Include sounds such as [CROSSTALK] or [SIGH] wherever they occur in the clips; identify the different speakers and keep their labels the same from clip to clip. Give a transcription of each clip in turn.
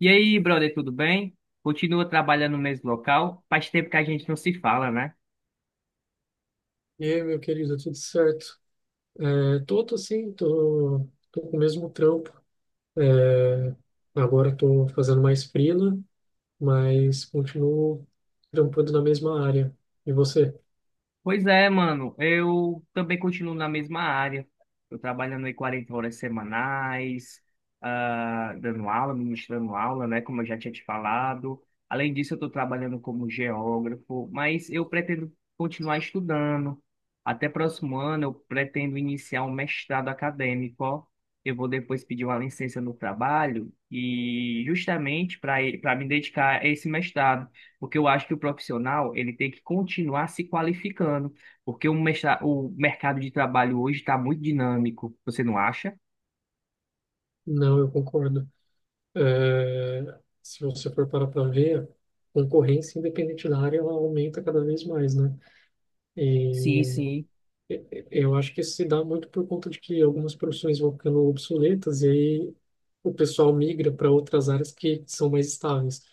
Speaker 1: E aí, brother, tudo bem? Continua trabalhando no mesmo local? Faz tempo que a gente não se fala, né?
Speaker 2: E aí, meu querido, tudo certo? É, tô, tô sim, tô, tô com o mesmo trampo. É, Agora tô fazendo mais freela, mas continuo trampando na mesma área. E você?
Speaker 1: Pois é, mano. Eu também continuo na mesma área. Eu trabalhando aí 40 horas semanais, dando aula, ministrando aula, né? Como eu já tinha te falado. Além disso, eu estou trabalhando como geógrafo, mas eu pretendo continuar estudando. Até próximo ano, eu pretendo iniciar um mestrado acadêmico. Ó. Eu vou depois pedir uma licença no trabalho e justamente para me dedicar a esse mestrado. Porque eu acho que o profissional ele tem que continuar se qualificando, porque o mercado de trabalho hoje está muito dinâmico, você não acha?
Speaker 2: Não, eu concordo. É, Se você for parar para ver, a concorrência, independente da área, ela aumenta cada vez mais, né? E
Speaker 1: Sim, sim.
Speaker 2: Eu acho que isso se dá muito por conta de que algumas profissões vão ficando obsoletas e aí o pessoal migra para outras áreas que são mais estáveis.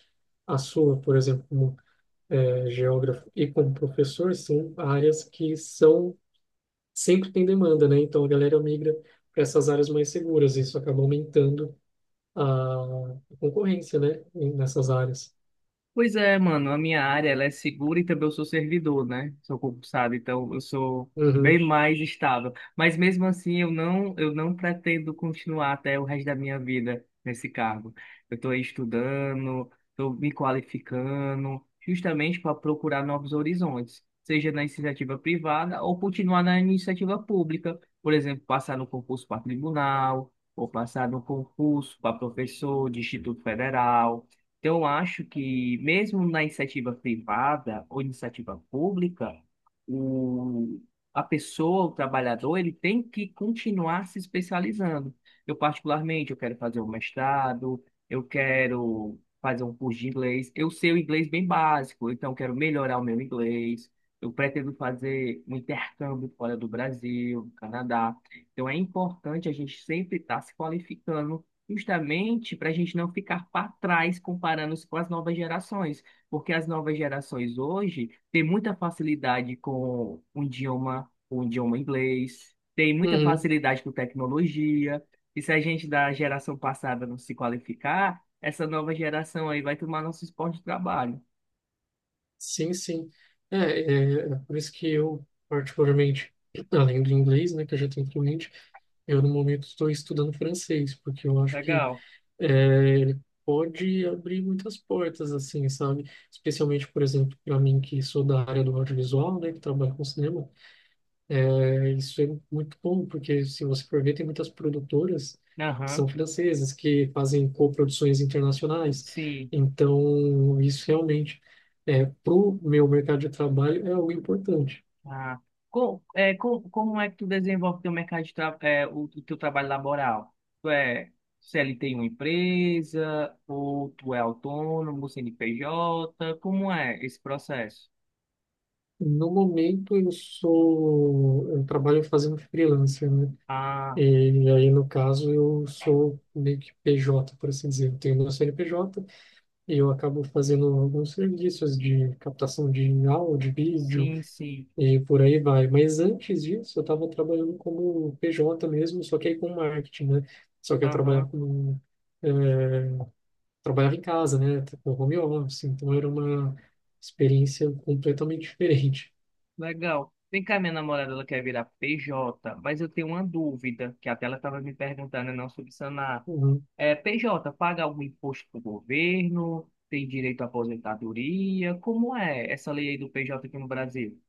Speaker 2: A sua, por exemplo, como geógrafo e como professor, são áreas que são sempre tem demanda, né? Então a galera migra para essas áreas mais seguras e isso acaba aumentando a concorrência, né? Nessas áreas.
Speaker 1: Pois é, mano, a minha área ela é segura e também eu sou servidor, né? Sou concursado, então eu sou bem
Speaker 2: Uhum,
Speaker 1: mais estável. Mas mesmo assim, eu não pretendo continuar até o resto da minha vida nesse cargo. Eu estou estudando, estou me qualificando, justamente para procurar novos horizontes, seja na iniciativa privada ou continuar na iniciativa pública. Por exemplo, passar no concurso para tribunal, ou passar no concurso para professor de Instituto Federal. Então, eu acho que mesmo na iniciativa privada ou iniciativa pública, o, a pessoa, o trabalhador, ele tem que continuar se especializando. Eu, particularmente, eu quero fazer um mestrado, eu quero fazer um curso de inglês. Eu sei o inglês bem básico, então eu quero melhorar o meu inglês. Eu pretendo fazer um intercâmbio fora do Brasil, do Canadá. Então, é importante a gente sempre estar se qualificando justamente para a gente não ficar para trás comparando-se com as novas gerações, porque as novas gerações hoje têm muita facilidade com o idioma inglês, têm muita
Speaker 2: uhum.
Speaker 1: facilidade com tecnologia, e se a gente da geração passada não se qualificar, essa nova geração aí vai tomar nosso esporte de trabalho.
Speaker 2: Sim, sim. É por isso que eu, particularmente, [CLEARS THROAT] além do inglês, né, que eu já tenho fluente, eu no momento estou estudando francês, porque eu acho que
Speaker 1: Legal.
Speaker 2: ele pode abrir muitas portas, assim, sabe? Especialmente, por exemplo, para mim que sou da área do audiovisual, né, que trabalho com cinema, isso é muito bom, porque se você for ver, tem muitas produtoras que são
Speaker 1: Aham,
Speaker 2: francesas, que fazem coproduções internacionais.
Speaker 1: sim.
Speaker 2: Então, isso realmente, para o meu mercado de trabalho, é algo importante.
Speaker 1: Ah, como é que tu desenvolve teu mercado de o teu trabalho laboral? Tu é CLT em uma empresa ou tu é autônomo, CNPJ? Como é esse processo?
Speaker 2: No momento, eu trabalho fazendo freelancer, né?
Speaker 1: Ah,
Speaker 2: E aí, no caso, eu sou meio que PJ, por assim dizer. Eu tenho meu CNPJ e eu acabo fazendo alguns serviços de captação de áudio, vídeo,
Speaker 1: sim, sim.
Speaker 2: e por aí vai. Mas antes disso, eu estava trabalhando como PJ mesmo, só que aí com marketing, né? Só que eu trabalhava
Speaker 1: Aham.
Speaker 2: com, eh, trabalhava em casa, né? Com home office, então era uma experiência completamente diferente.
Speaker 1: Legal. Vem cá, minha namorada, ela quer virar PJ, mas eu tenho uma dúvida, que até ela estava me perguntando, e não sobre sanar.
Speaker 2: Uhum.
Speaker 1: É, PJ, paga algum imposto para o governo? Tem direito à aposentadoria? Como é essa lei aí do PJ aqui no Brasil?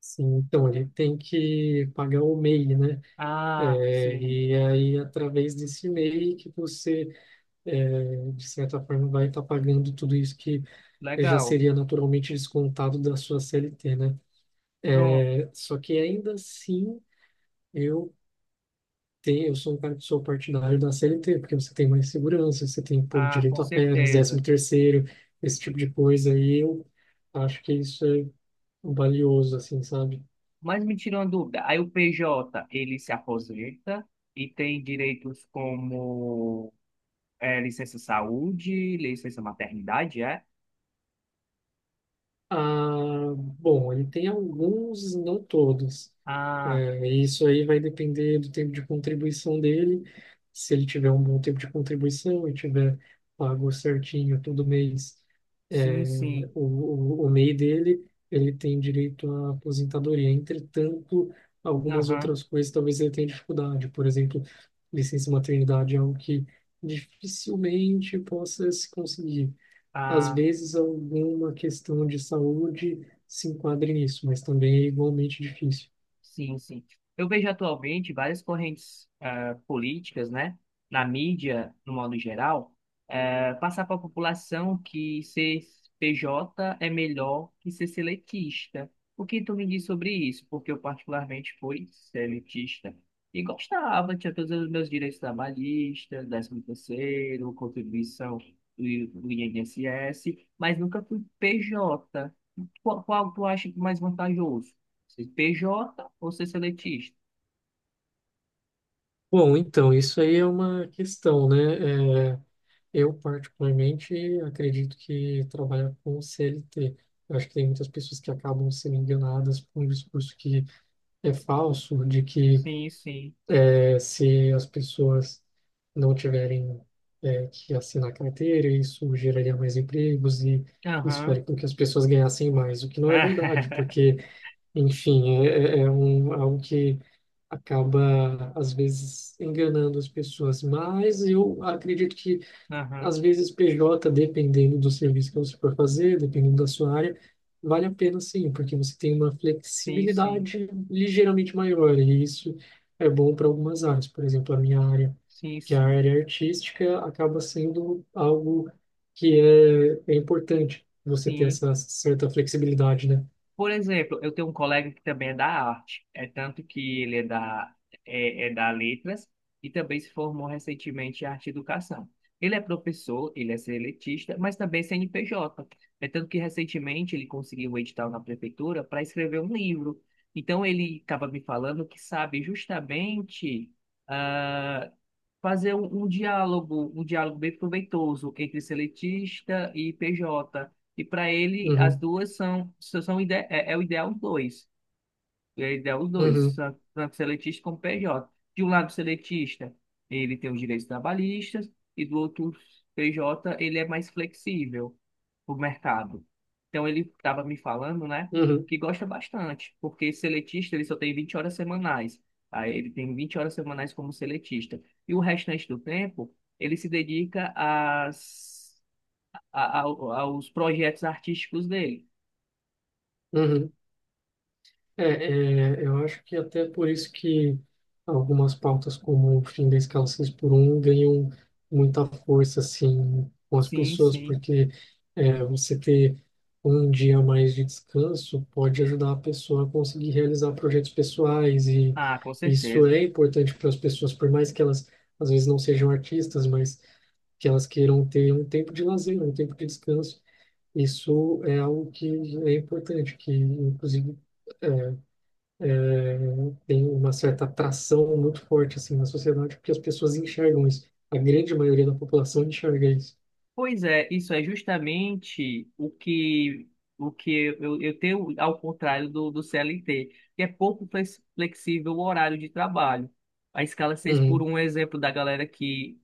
Speaker 2: Sim, então ele tem que pagar o MEI, né?
Speaker 1: Ah, sim.
Speaker 2: E aí, através desse MEI, que você, de certa forma, vai estar pagando tudo isso que já
Speaker 1: Legal.
Speaker 2: seria naturalmente descontado da sua CLT, né?
Speaker 1: Pronto.
Speaker 2: É, só que ainda assim, eu eu sou um cara que sou partidário da CLT, porque você tem mais segurança, você tem, pô,
Speaker 1: Ah, com
Speaker 2: direito a férias,
Speaker 1: certeza.
Speaker 2: décimo terceiro, esse tipo de coisa, e eu acho que isso é valioso, assim, sabe?
Speaker 1: Mas me tirou uma dúvida. Aí o PJ, ele se aposenta e tem direitos como licença saúde, licença maternidade, é?
Speaker 2: Ah, bom, ele tem alguns, não todos.
Speaker 1: Ah,
Speaker 2: É, isso aí vai depender do tempo de contribuição dele. Se ele tiver um bom tempo de contribuição e tiver pago certinho todo mês,
Speaker 1: sim,
Speaker 2: é,
Speaker 1: sim.
Speaker 2: o, o MEI dele, ele tem direito à aposentadoria. Entretanto, algumas
Speaker 1: Aham.
Speaker 2: outras coisas talvez ele tenha dificuldade. Por exemplo, licença maternidade é algo que dificilmente possa se conseguir, às
Speaker 1: Ah,
Speaker 2: vezes alguma questão de saúde se enquadra nisso, mas também é igualmente difícil.
Speaker 1: sim, sim. Eu vejo atualmente várias correntes políticas, né, na mídia, no modo geral, passar para a população que ser PJ é melhor que ser seletista. O que tu me diz sobre isso? Porque eu particularmente fui seletista e gostava, tinha todos os meus direitos trabalhistas, 13º, contribuição do INSS, mas nunca fui PJ. Qual tu acha que é mais vantajoso? Se PJ ou ser seletista?
Speaker 2: Bom, então, isso aí é uma questão, né? É, eu, particularmente, acredito que trabalhar com CLT. Eu acho que tem muitas pessoas que acabam sendo enganadas por um discurso que é falso, de que
Speaker 1: Sim, sim.
Speaker 2: se as pessoas não tiverem, que assinar carteira, isso geraria mais empregos e isso
Speaker 1: Aham.
Speaker 2: faria com que as pessoas ganhassem mais, o que não é verdade, porque
Speaker 1: [LAUGHS]
Speaker 2: enfim, é algo que acaba, às vezes, enganando as pessoas. Mas eu acredito que,
Speaker 1: Aham.
Speaker 2: às vezes, PJ, dependendo do serviço que você for fazer, dependendo da sua área, vale a pena sim, porque você tem uma
Speaker 1: Sim, sim.
Speaker 2: flexibilidade ligeiramente maior. E isso é bom para algumas áreas. Por exemplo, a minha área,
Speaker 1: Sim,
Speaker 2: que é a
Speaker 1: sim.
Speaker 2: área artística, acaba sendo algo que é importante você ter
Speaker 1: Sim.
Speaker 2: essa certa flexibilidade, né?
Speaker 1: Por exemplo, eu tenho um colega que também é da arte, é tanto que ele é da letras e também se formou recentemente em arte e educação. Ele é professor, ele é seletista, mas também CNPJ. É tanto que recentemente ele conseguiu um edital na prefeitura para escrever um livro. Então ele estava me falando que sabe justamente ah, fazer um diálogo, um diálogo bem proveitoso entre seletista e PJ. E para ele, as
Speaker 2: Uhum,
Speaker 1: duas são, são são ide é, é o ideal os dois. É o ideal os dois,
Speaker 2: uhum,
Speaker 1: tanto seletista como PJ. De um lado, o seletista, ele tem os direitos trabalhistas, e do outro, o PJ, ele é mais flexível para o mercado. Então, ele estava me falando, né,
Speaker 2: uhum.
Speaker 1: que gosta bastante, porque seletista, ele só tem 20 horas semanais. Aí, ele tem 20 horas semanais como seletista. E o restante do tempo, ele se dedica às aos projetos artísticos dele.
Speaker 2: Uhum. Eu acho que até por isso que algumas pautas como o fim da escala 6x1 ganham muita força assim com as
Speaker 1: Sim,
Speaker 2: pessoas,
Speaker 1: sim.
Speaker 2: porque você ter um dia a mais de descanso pode ajudar a pessoa a conseguir realizar projetos pessoais e
Speaker 1: Ah, com
Speaker 2: isso
Speaker 1: certeza.
Speaker 2: é importante para as pessoas, por mais que elas às vezes não sejam artistas, mas que elas queiram ter um tempo de lazer, um tempo de descanso. Isso é algo que é importante, que inclusive é, é, tem uma certa atração muito forte assim na sociedade porque as pessoas enxergam isso. A grande maioria da população enxerga isso.
Speaker 1: Pois é, isso é justamente o que eu tenho ao contrário do CLT, que é pouco flexível o horário de trabalho. A escala seis por
Speaker 2: Uhum,
Speaker 1: um é um exemplo da galera que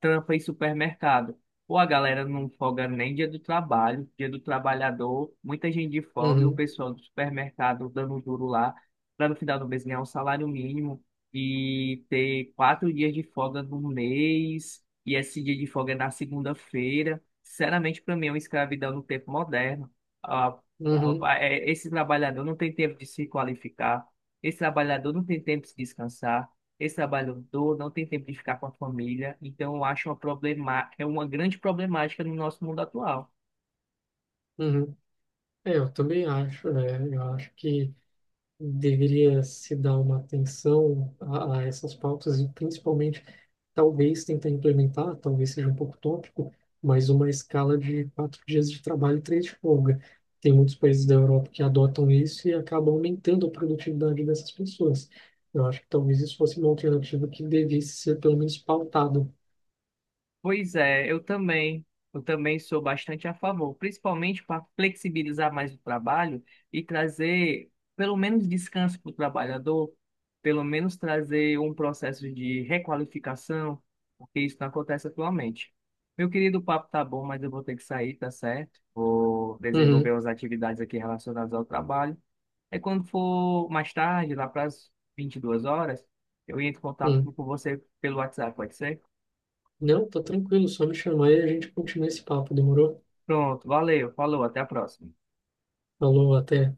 Speaker 1: trampa em supermercado. Pô, a galera não folga nem dia do trabalho, dia do trabalhador, muita gente de folga e o
Speaker 2: uhum,
Speaker 1: pessoal do supermercado dando duro lá, para no final do mês ganhar um salário mínimo e ter 4 dias de folga no mês, e esse dia de folga é na segunda-feira. Sinceramente, para mim é uma escravidão no tempo moderno. Ah, ah,
Speaker 2: uhum,
Speaker 1: ah, é, Esse trabalhador não tem tempo de se qualificar, esse trabalhador não tem tempo de descansar esse trabalho todo, não tem tempo de ficar com a família, então eu acho uma problema, é uma grande problemática no nosso mundo atual.
Speaker 2: uhum. É, eu também acho, né? Eu acho que deveria se dar uma atenção a essas pautas e principalmente talvez tentar implementar, talvez seja um pouco tópico, mas uma escala de 4 dias de trabalho e 3 de folga. Tem muitos países da Europa que adotam isso e acabam aumentando a produtividade dessas pessoas. Eu acho que talvez isso fosse uma alternativa que devesse ser pelo menos pautado.
Speaker 1: Pois é, eu também sou bastante a favor, principalmente para flexibilizar mais o trabalho e trazer pelo menos descanso para o trabalhador, pelo menos trazer um processo de requalificação, porque isso não acontece atualmente. Meu querido, o papo tá bom, mas eu vou ter que sair, tá certo? Vou
Speaker 2: Uhum,
Speaker 1: desenvolver as atividades aqui relacionadas ao trabalho. Aí quando for mais tarde, lá para as 22 horas, eu entro em contato
Speaker 2: uhum.
Speaker 1: com você pelo WhatsApp, pode ser?
Speaker 2: Não, tá tranquilo, só me chamar e a gente continua esse papo, demorou?
Speaker 1: Pronto, valeu, falou, até a próxima.
Speaker 2: Falou, até.